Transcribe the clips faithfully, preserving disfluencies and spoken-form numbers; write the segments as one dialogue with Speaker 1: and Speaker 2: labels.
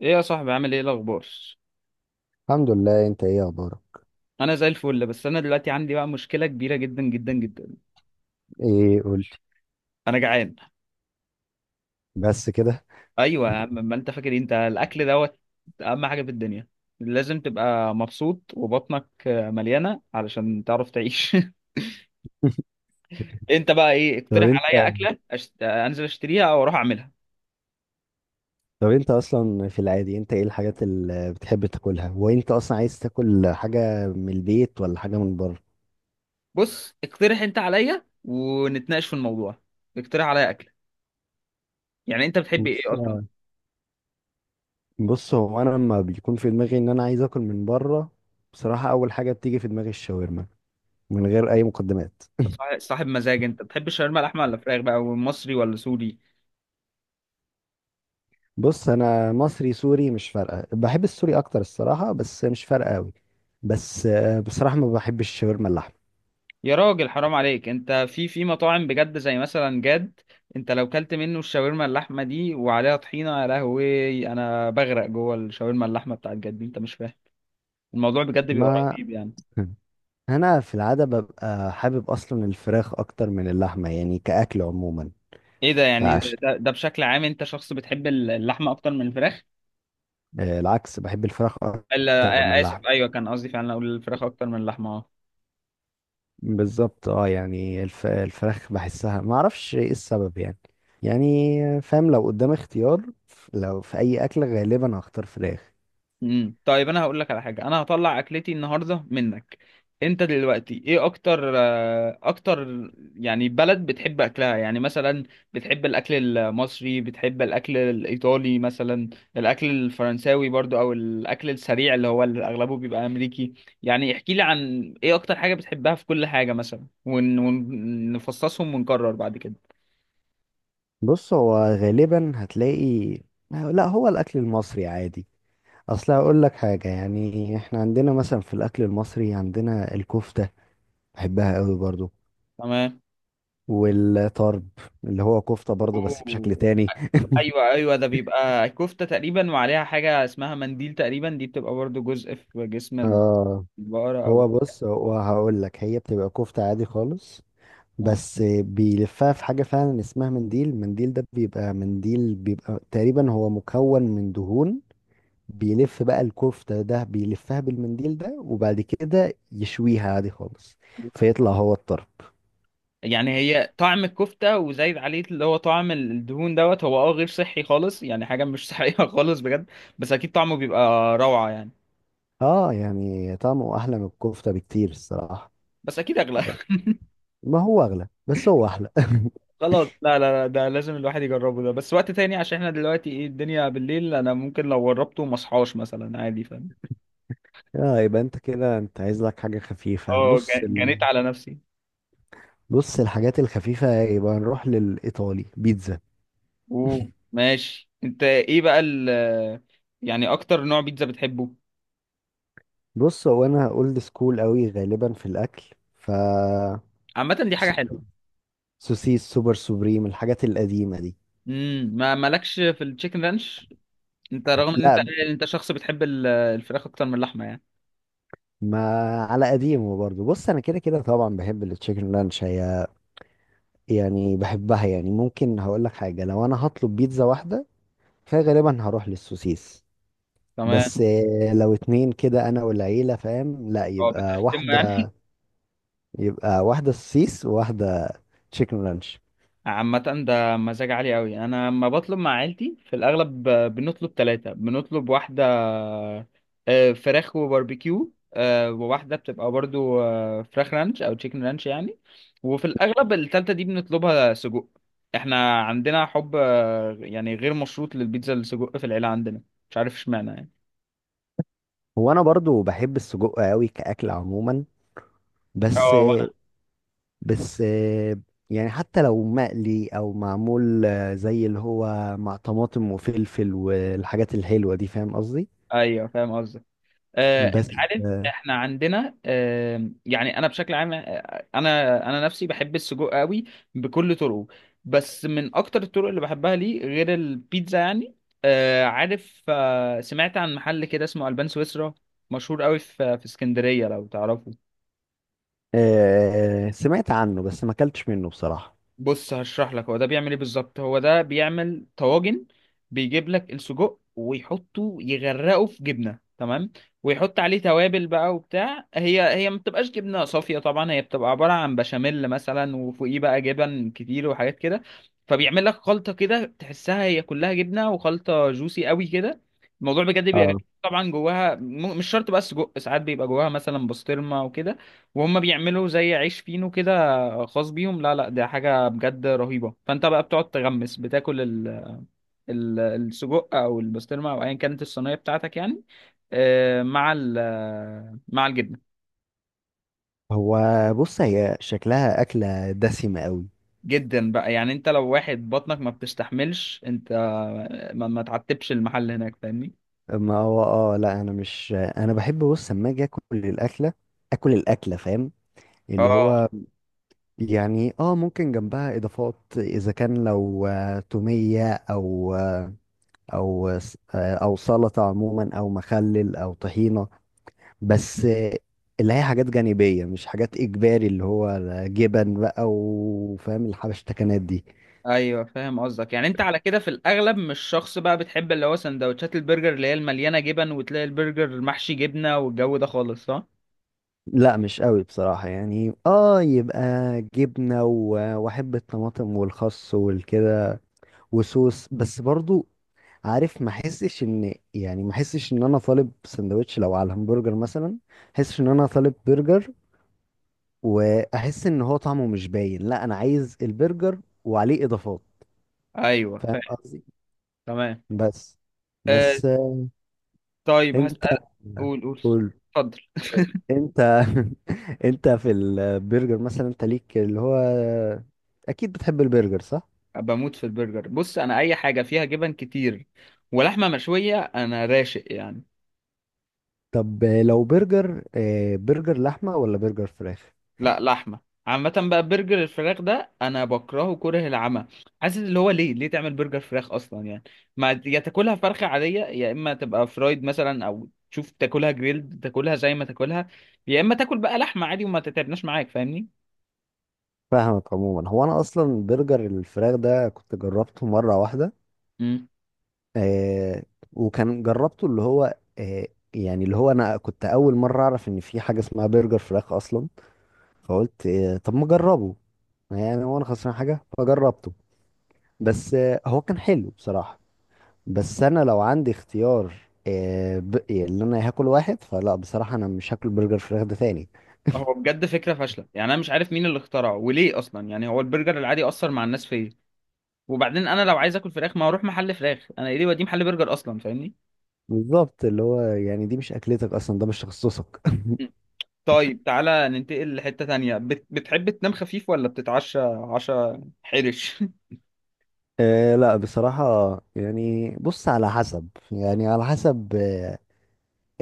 Speaker 1: ايه يا صاحبي، عامل ايه؟ الاخبار؟
Speaker 2: الحمد لله، انت ايه اخبارك؟
Speaker 1: انا زي الفل. بس انا دلوقتي عندي بقى مشكله كبيره جدا جدا جدا.
Speaker 2: ايه، قول.
Speaker 1: انا جعان.
Speaker 2: بس كده؟
Speaker 1: ايوه يا عم، ما انت فاكر إيه؟ انت الاكل دوت اهم حاجه في الدنيا. لازم تبقى مبسوط وبطنك مليانه علشان تعرف تعيش. انت بقى ايه؟
Speaker 2: طب
Speaker 1: اقترح
Speaker 2: انت
Speaker 1: عليا اكله أشت... انزل اشتريها او اروح اعملها.
Speaker 2: طب انت اصلا في العادي، انت ايه الحاجات اللي بتحب تاكلها؟ وانت اصلا عايز تاكل حاجه من البيت ولا حاجه من بره؟
Speaker 1: بص، اقترح انت عليا ونتناقش في الموضوع. اقترح عليا اكله. يعني انت بتحب ايه
Speaker 2: بص
Speaker 1: اصلا؟
Speaker 2: بص هو انا لما بيكون في دماغي ان انا عايز اكل من بره، بصراحه اول حاجه بتيجي في دماغي الشاورما، من غير اي مقدمات.
Speaker 1: صاحب صاحب مزاج، انت بتحب الشاورما لحمه ولا فراخ بقى؟ ومصري ولا سوري؟
Speaker 2: بص، انا مصري سوري مش فارقه، بحب السوري اكتر الصراحه، بس مش فارقه قوي. بس آه، بصراحه ما بحبش الشاورما اللحمه.
Speaker 1: يا راجل حرام عليك، انت في في مطاعم بجد زي مثلا جاد. انت لو كلت منه الشاورما اللحمه دي وعليها طحينه، يا لهوي، انا بغرق جوه الشاورما اللحمه بتاعت جد دي. انت مش فاهم الموضوع بجد بيبقى
Speaker 2: ما
Speaker 1: رهيب يعني.
Speaker 2: انا في العاده ببقى حابب اصلا الفراخ اكتر من اللحمه، يعني كاكل عموما.
Speaker 1: ايه ده؟ يعني
Speaker 2: فعش
Speaker 1: ده, ده بشكل عام انت شخص بتحب اللحمه اكتر من الفراخ؟
Speaker 2: آه، العكس، بحب الفراخ
Speaker 1: الا
Speaker 2: اكتر من
Speaker 1: آ- اسف،
Speaker 2: اللحمه.
Speaker 1: ايوه كان قصدي فعلا اقول الفراخ اكتر من اللحمه، اه.
Speaker 2: بالظبط اه، يعني الف... الفراخ بحسها ما اعرفش ايه السبب يعني. يعني فاهم، لو قدام اختيار، ف- لو في اي اكل غالبا هختار فراخ.
Speaker 1: امم طيب انا هقول لك على حاجه، انا هطلع اكلتي النهارده منك. انت دلوقتي ايه اكتر آه، اكتر يعني بلد بتحب اكلها؟ يعني مثلا بتحب الاكل المصري، بتحب الاكل الايطالي مثلا، الاكل الفرنساوي برضو، او الاكل السريع اللي هو اللي اغلبه بيبقى امريكي. يعني احكي لي عن ايه اكتر حاجه بتحبها في كل حاجه مثلا ون- ونفصصهم ونكرر بعد كده.
Speaker 2: بص هو غالبا هتلاقي، لا، هو الاكل المصري عادي. اصل هقول لك حاجه، يعني احنا عندنا مثلا في الاكل المصري عندنا الكفته، بحبها قوي برضو.
Speaker 1: تمام.
Speaker 2: والطرب، اللي هو كفتة برضو بس بشكل
Speaker 1: اوه.
Speaker 2: تاني.
Speaker 1: ايوه ايوه، ده بيبقى كفته تقريبا وعليها حاجه اسمها منديل تقريبا، دي بتبقى برضو جزء في جسم
Speaker 2: اه.
Speaker 1: البقره او
Speaker 2: هو بص، هو هقول لك، هي بتبقى كفتة عادي خالص،
Speaker 1: آه.
Speaker 2: بس بيلفها في حاجة فعلا اسمها منديل. المنديل ده بيبقى منديل، بيبقى تقريبا هو مكون من دهون. بيلف بقى الكفتة، ده بيلفها بالمنديل ده وبعد كده يشويها عادي خالص، فيطلع هو الطرب.
Speaker 1: يعني هي طعم الكفته وزايد عليه اللي هو طعم الدهون دوت. هو اه غير صحي خالص، يعني حاجه مش صحيه خالص بجد. بس اكيد طعمه بيبقى روعه يعني.
Speaker 2: اه، يعني طعمه احلى من الكفتة بكتير الصراحة.
Speaker 1: بس اكيد اغلى
Speaker 2: ده- ما هو اغلى بس هو احلى.
Speaker 1: خلاص لا لا لا، ده لازم الواحد يجربه، ده بس وقت تاني، عشان احنا دلوقتي ايه الدنيا بالليل، انا ممكن لو جربته ما اصحاش مثلا، عادي، فاهم.
Speaker 2: اه، يبقى انت كده انت عايز لك حاجة خفيفة.
Speaker 1: اه
Speaker 2: بص
Speaker 1: جا-
Speaker 2: ال...
Speaker 1: جنيت على نفسي.
Speaker 2: بص الحاجات الخفيفة، يبقى نروح للإيطالي، بيتزا.
Speaker 1: اوه ماشي. انت ايه بقى ال، يعني اكتر نوع بيتزا بتحبه؟
Speaker 2: بص هو انا اولد سكول قوي غالبا في الاكل، ف
Speaker 1: عامة دي حاجة
Speaker 2: س-
Speaker 1: حلوة.
Speaker 2: سوسيس سوبر سوبريم، الحاجات القديمة دي.
Speaker 1: امم ما مالكش في التشيكن رانش؟ انت رغم ان انت،
Speaker 2: لا،
Speaker 1: انت شخص بتحب ال- الفراخ اكتر من اللحمة يعني.
Speaker 2: ما على قديمه برضه، بص انا كده كده طبعا بحب التشيكن لانش. هي يعني بحبها، يعني ممكن هقول لك حاجة، لو انا هطلب بيتزا واحدة فغالبا هروح للسوسيس.
Speaker 1: تمام.
Speaker 2: بس آه، لو اتنين كده انا والعيلة فاهم، لا
Speaker 1: هو
Speaker 2: يبقى
Speaker 1: بتقسمه
Speaker 2: واحدة،
Speaker 1: يعني.
Speaker 2: يبقى واحدة سوسيس وواحدة تشيكن رانش.
Speaker 1: عامة ده مزاج عالي قوي. انا لما بطلب مع عيلتي في الاغلب ب- بنطلب ثلاثة. بنطلب واحدة آه، فراخ وباربيكيو، آه، وواحدة بتبقى برضو آه، فراخ رانش او تشيكن رانش يعني. وفي الاغلب التالتة دي بنطلبها سجق. احنا عندنا حب آه، يعني غير مشروط للبيتزا السجق في العيلة عندنا. مش عارف اشمعنى يعني.
Speaker 2: هو انا برضو بحب السجق قوي كأكل عموما، بس
Speaker 1: اه وانا.
Speaker 2: بس يعني حتى لو مقلي او معمول، زي اللي هو مع طماطم وفلفل والحاجات الحلوة دي، فاهم قصدي.
Speaker 1: ايوه فاهم قصدك. آه، انت
Speaker 2: بس
Speaker 1: عارف احنا عندنا، آه، يعني انا بشكل عام، آه، انا انا نفسي بحب السجق قوي بكل طرقه. بس من اكتر الطرق اللي بحبها ليه غير البيتزا يعني، آه، عارف، آه، سمعت عن محل كده اسمه البان سويسرا؟ مشهور قوي في في اسكندرية، لو تعرفه.
Speaker 2: آه، سمعت عنه بس ما اكلتش منه بصراحة.
Speaker 1: بص هشرح لك هو ده بيعمل ايه بالظبط. هو ده بيعمل طواجن. بيجيب لك السجق ويحطه يغرقه في جبنه، تمام، ويحط عليه توابل بقى وبتاع. هي هي ما بتبقاش جبنه صافيه طبعا، هي بتبقى عباره عن بشاميل مثلا وفوقيه بقى جبن كتير وحاجات كده. فبيعمل لك خلطه كده تحسها هي كلها جبنه وخلطه جوسي قوي كده. الموضوع بجد بيبقى
Speaker 2: اه.
Speaker 1: جميل. طبعا جواها م- مش شرط بقى السجق، ساعات بيبقى جواها مثلا بسطرمه وكده. وهم بيعملوا زي عيش فينو كده آه، خاص بيهم. لا لا، ده حاجة بجد رهيبة. فانت بقى بتقعد تغمس، بتاكل ال... ال... السجق او البسطرمة او ايا كانت الصينية بتاعتك يعني، آه، مع ال... آه، مع الجبنة.
Speaker 2: هو بص، هي شكلها أكلة دسمة قوي.
Speaker 1: جدا بقى، يعني انت لو واحد بطنك ما بتستحملش، انت ما, ما تعتبش المحل هناك، فاهمني.
Speaker 2: ما هو اه، لا انا مش، انا بحب، بص لما اجي اكل الاكله اكل الاكله، فاهم اللي
Speaker 1: اه
Speaker 2: هو، يعني اه ممكن جنبها اضافات اذا كان، لو آه، توميه، او آه، او س- آه، او سلطه عموما، او مخلل او طحينه. بس آه، اللي هي حاجات جانبيه مش حاجات اجباري، اللي هو جبن بقى، وفاهم الحبشتكنات دي.
Speaker 1: ايوه فاهم قصدك. يعني انت على كده في الاغلب مش شخص بقى بتحب اللي هو سندوتشات البرجر اللي هي المليانه جبن، وتلاقي البرجر محشي جبنه والجو ده خالص، صح؟
Speaker 2: لا مش قوي بصراحه، يعني اه، يبقى جبنه و- واحب الطماطم والخس والكده وصوص بس برضو. عارف، ما احسش ان، يعني ما احسش ان انا طالب سندوتش، لو على الهمبرجر مثلا احس ان انا طالب برجر، واحس ان هو طعمه مش باين. لا، انا عايز البرجر وعليه اضافات،
Speaker 1: ايوه فاهم.
Speaker 2: فاهم قصدي.
Speaker 1: تمام.
Speaker 2: بس
Speaker 1: آه،
Speaker 2: بس
Speaker 1: طيب
Speaker 2: انت
Speaker 1: هسأل. قول قول.
Speaker 2: قول.
Speaker 1: اتفضل.
Speaker 2: انت. انت في البرجر مثلا، انت ليك اللي هو، اكيد بتحب البرجر صح؟
Speaker 1: بموت في البرجر. بص انا اي حاجه فيها جبن كتير ولحمه مشويه انا راشق يعني.
Speaker 2: طب لو برجر، آه، برجر لحمة ولا برجر فراخ؟
Speaker 1: لا لحمه. عامه بقى برجر الفراخ ده انا بكرهه كره العمى. حاسس اللي هو ليه ليه تعمل برجر فراخ اصلا يعني؟ ما يا تاكلها فرخه عاديه، يا اما تبقى فرايد مثلا، او تشوف تاكلها جريلد، تاكلها زي ما تاكلها. يا اما تاكل بقى لحمه عادي وما تتعبناش معاك، فاهمني.
Speaker 2: فاهمك عموما. هو انا اصلا برجر الفراخ ده كنت جربته مره واحده
Speaker 1: مم.
Speaker 2: آه، وكان جربته اللي هو آه، يعني اللي هو انا كنت اول مره اعرف ان في حاجه اسمها برجر فراخ اصلا، فقلت آه طب ما اجربه، يعني هو انا خسران حاجه؟ فجربته. بس آه هو كان حلو بصراحه، بس انا لو عندي اختيار، آه ب... يعني اللي انا هاكل واحد، فلا بصراحه انا مش هاكل برجر فراخ ده تاني.
Speaker 1: هو بجد فكره فاشله. يعني انا مش عارف مين اللي اخترعه وليه اصلا، يعني هو البرجر العادي اثر مع الناس فيا. وبعدين انا لو عايز اكل فراخ ما اروح محل فراخ، انا ايه ليه وديه محل برجر اصلا، فاهمني.
Speaker 2: بالظبط، اللي هو يعني دي مش اكلتك اصلا، ده مش تخصصك.
Speaker 1: مم. طيب تعالى ننتقل لحتة تانية. بت... بتحب تنام خفيف ولا بتتعشى عشاء حرش؟
Speaker 2: آه لا بصراحة، يعني بص على حسب، يعني على حسب آه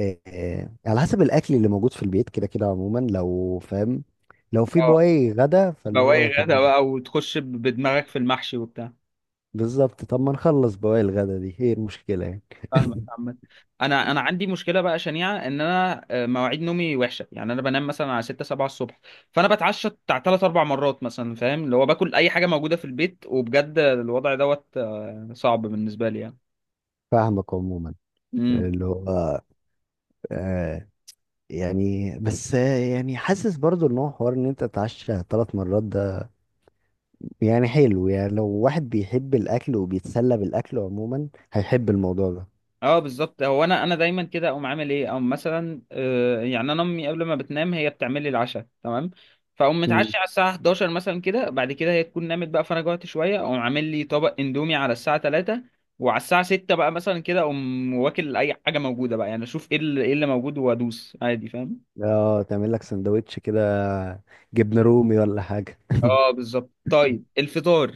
Speaker 2: آه آه، على حسب الأكل اللي موجود في البيت كده كده عموما لو فاهم. لو في
Speaker 1: اه
Speaker 2: بواقي غدا فاللي هو
Speaker 1: بواقي
Speaker 2: طب،
Speaker 1: غدا بقى وتخش ب- بدماغك في المحشي وبتاع.
Speaker 2: بالظبط. طب ما نخلص بواقي الغدا دي هي المشكلة يعني.
Speaker 1: فاهمك عامة. انا انا عندي مشكله بقى شنيعه، ان انا آه، مواعيد نومي وحشه. يعني انا بنام مثلا على ستة سبعة الصبح، فانا بتعشى بتاع تلات اربع مرات مثلا، فاهم، اللي هو باكل اي حاجه موجوده في البيت. وبجد الوضع دوت آه، صعب بالنسبه لي
Speaker 2: فاهمك عموما،
Speaker 1: يعني.
Speaker 2: اللي هو آه، يعني بس آه يعني حاسس برضو ان هو حوار ان انت تتعشى ثلاث مرات ده يعني حلو، يعني لو واحد بيحب الأكل وبيتسلى بالأكل عموما هيحب الموضوع
Speaker 1: اه بالظبط. هو انا انا دايما كده اقوم عامل ايه، او مثلا آه، يعني انا امي قبل ما بتنام هي بتعمل لي العشاء، تمام، فاقوم
Speaker 2: ده.
Speaker 1: متعشي على الساعه احد عشر مثلا كده. بعد كده هي تكون نامت بقى، فانا جوعت شويه اقوم عامل لي طبق اندومي على الساعه ثلاثة. وعلى الساعه ستة بقى مثلا كده اقوم واكل اي حاجه موجوده بقى، يعني اشوف ايه اللي, إيه اللي موجود وادوس عادي، فاهم.
Speaker 2: اه، تعمل لك سندوتش كده جبنة رومي ولا حاجة.
Speaker 1: اه بالظبط. طيب الفطار،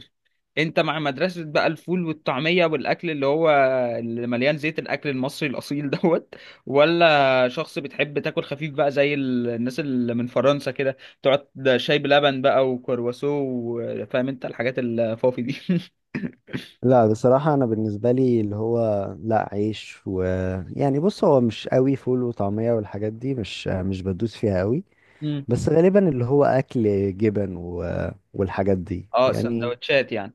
Speaker 1: انت مع مدرسة بقى الفول والطعمية والاكل اللي هو اللي مليان زيت، الاكل المصري الاصيل دوت، ولا شخص بتحب تاكل خفيف بقى زي ال- الناس اللي من فرنسا كده تقعد شاي بلبن بقى وكرواسو و- فاهم انت الحاجات الفافي دي
Speaker 2: لا بصراحة، أنا بالنسبة لي اللي هو، لا عيش و، يعني بص هو مش قوي فول وطعمية والحاجات دي، مش مش بدوس فيها قوي.
Speaker 1: مم.
Speaker 2: بس غالبا اللي هو أكل جبن و... والحاجات دي
Speaker 1: اه
Speaker 2: يعني.
Speaker 1: سندوتشات يعني.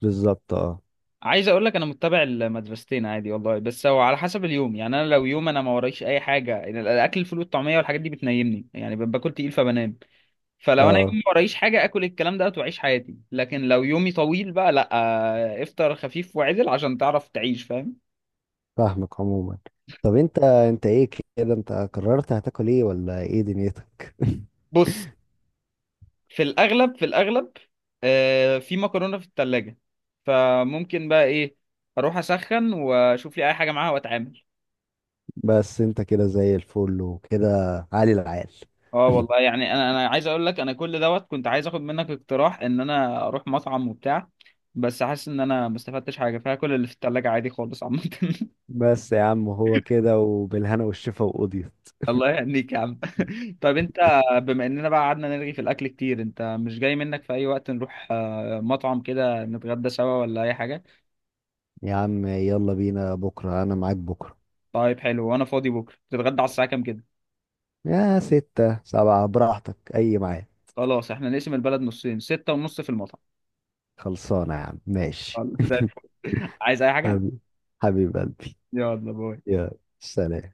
Speaker 2: بالظبط اه.
Speaker 1: عايز اقول لك انا متبع المدرستين عادي والله، بس هو على حسب اليوم يعني. انا لو يوم انا ما ورايش اي حاجه يعني، الاكل الفول والطعميه والحاجات دي بتنيمني يعني، باكل تقيل فبنام. فلو انا
Speaker 2: اه
Speaker 1: يومي ورايش حاجه اكل الكلام ده واعيش حياتي، لكن لو يومي طويل بقى لا، آه، افطر خفيف وعدل عشان تعرف تعيش، فاهم.
Speaker 2: فاهمك عموما. طب انت، انت ايه كده؟ انت قررت هتاكل ايه ولا ايه دنيتك؟
Speaker 1: بص، في الاغلب، في الاغلب آه، في مكرونه في التلاجة. فممكن بقى ايه، اروح اسخن واشوف لي اي حاجه معاها واتعامل.
Speaker 2: بس انت كده زي الفل وكده، عالي العال.
Speaker 1: اه والله، يعني انا انا عايز اقول لك انا كل دوت كنت عايز اخد منك اقتراح ان انا اروح مطعم وبتاع. بس حاسس ان انا ما استفدتش حاجه، فيها كل اللي في التلاجة عادي خالص عامه
Speaker 2: بس يا عم هو كده، وبالهنا والشفا وقضيت.
Speaker 1: الله يهنيك يا عم. طب انت، بما اننا بقى قعدنا نرغي في الاكل كتير، انت مش جاي منك في اي وقت نروح آه، مطعم كده نتغدى سوا ولا اي حاجه؟
Speaker 2: يا عم يلا بينا بكرة، أنا معاك بكرة.
Speaker 1: طيب حلو. وانا فاضي بكره. تتغدى على الساعه كام كده؟
Speaker 2: يا ستة سبعة براحتك، أي معاك.
Speaker 1: خلاص احنا نقسم البلد نصين، ستة ونص في المطعم.
Speaker 2: خلصانة يا عم ماشي.
Speaker 1: خلاص، زي الفل عايز اي حاجه؟
Speaker 2: حبيب، حبيب قلبي.
Speaker 1: يلا، باي.
Speaker 2: يا سلام.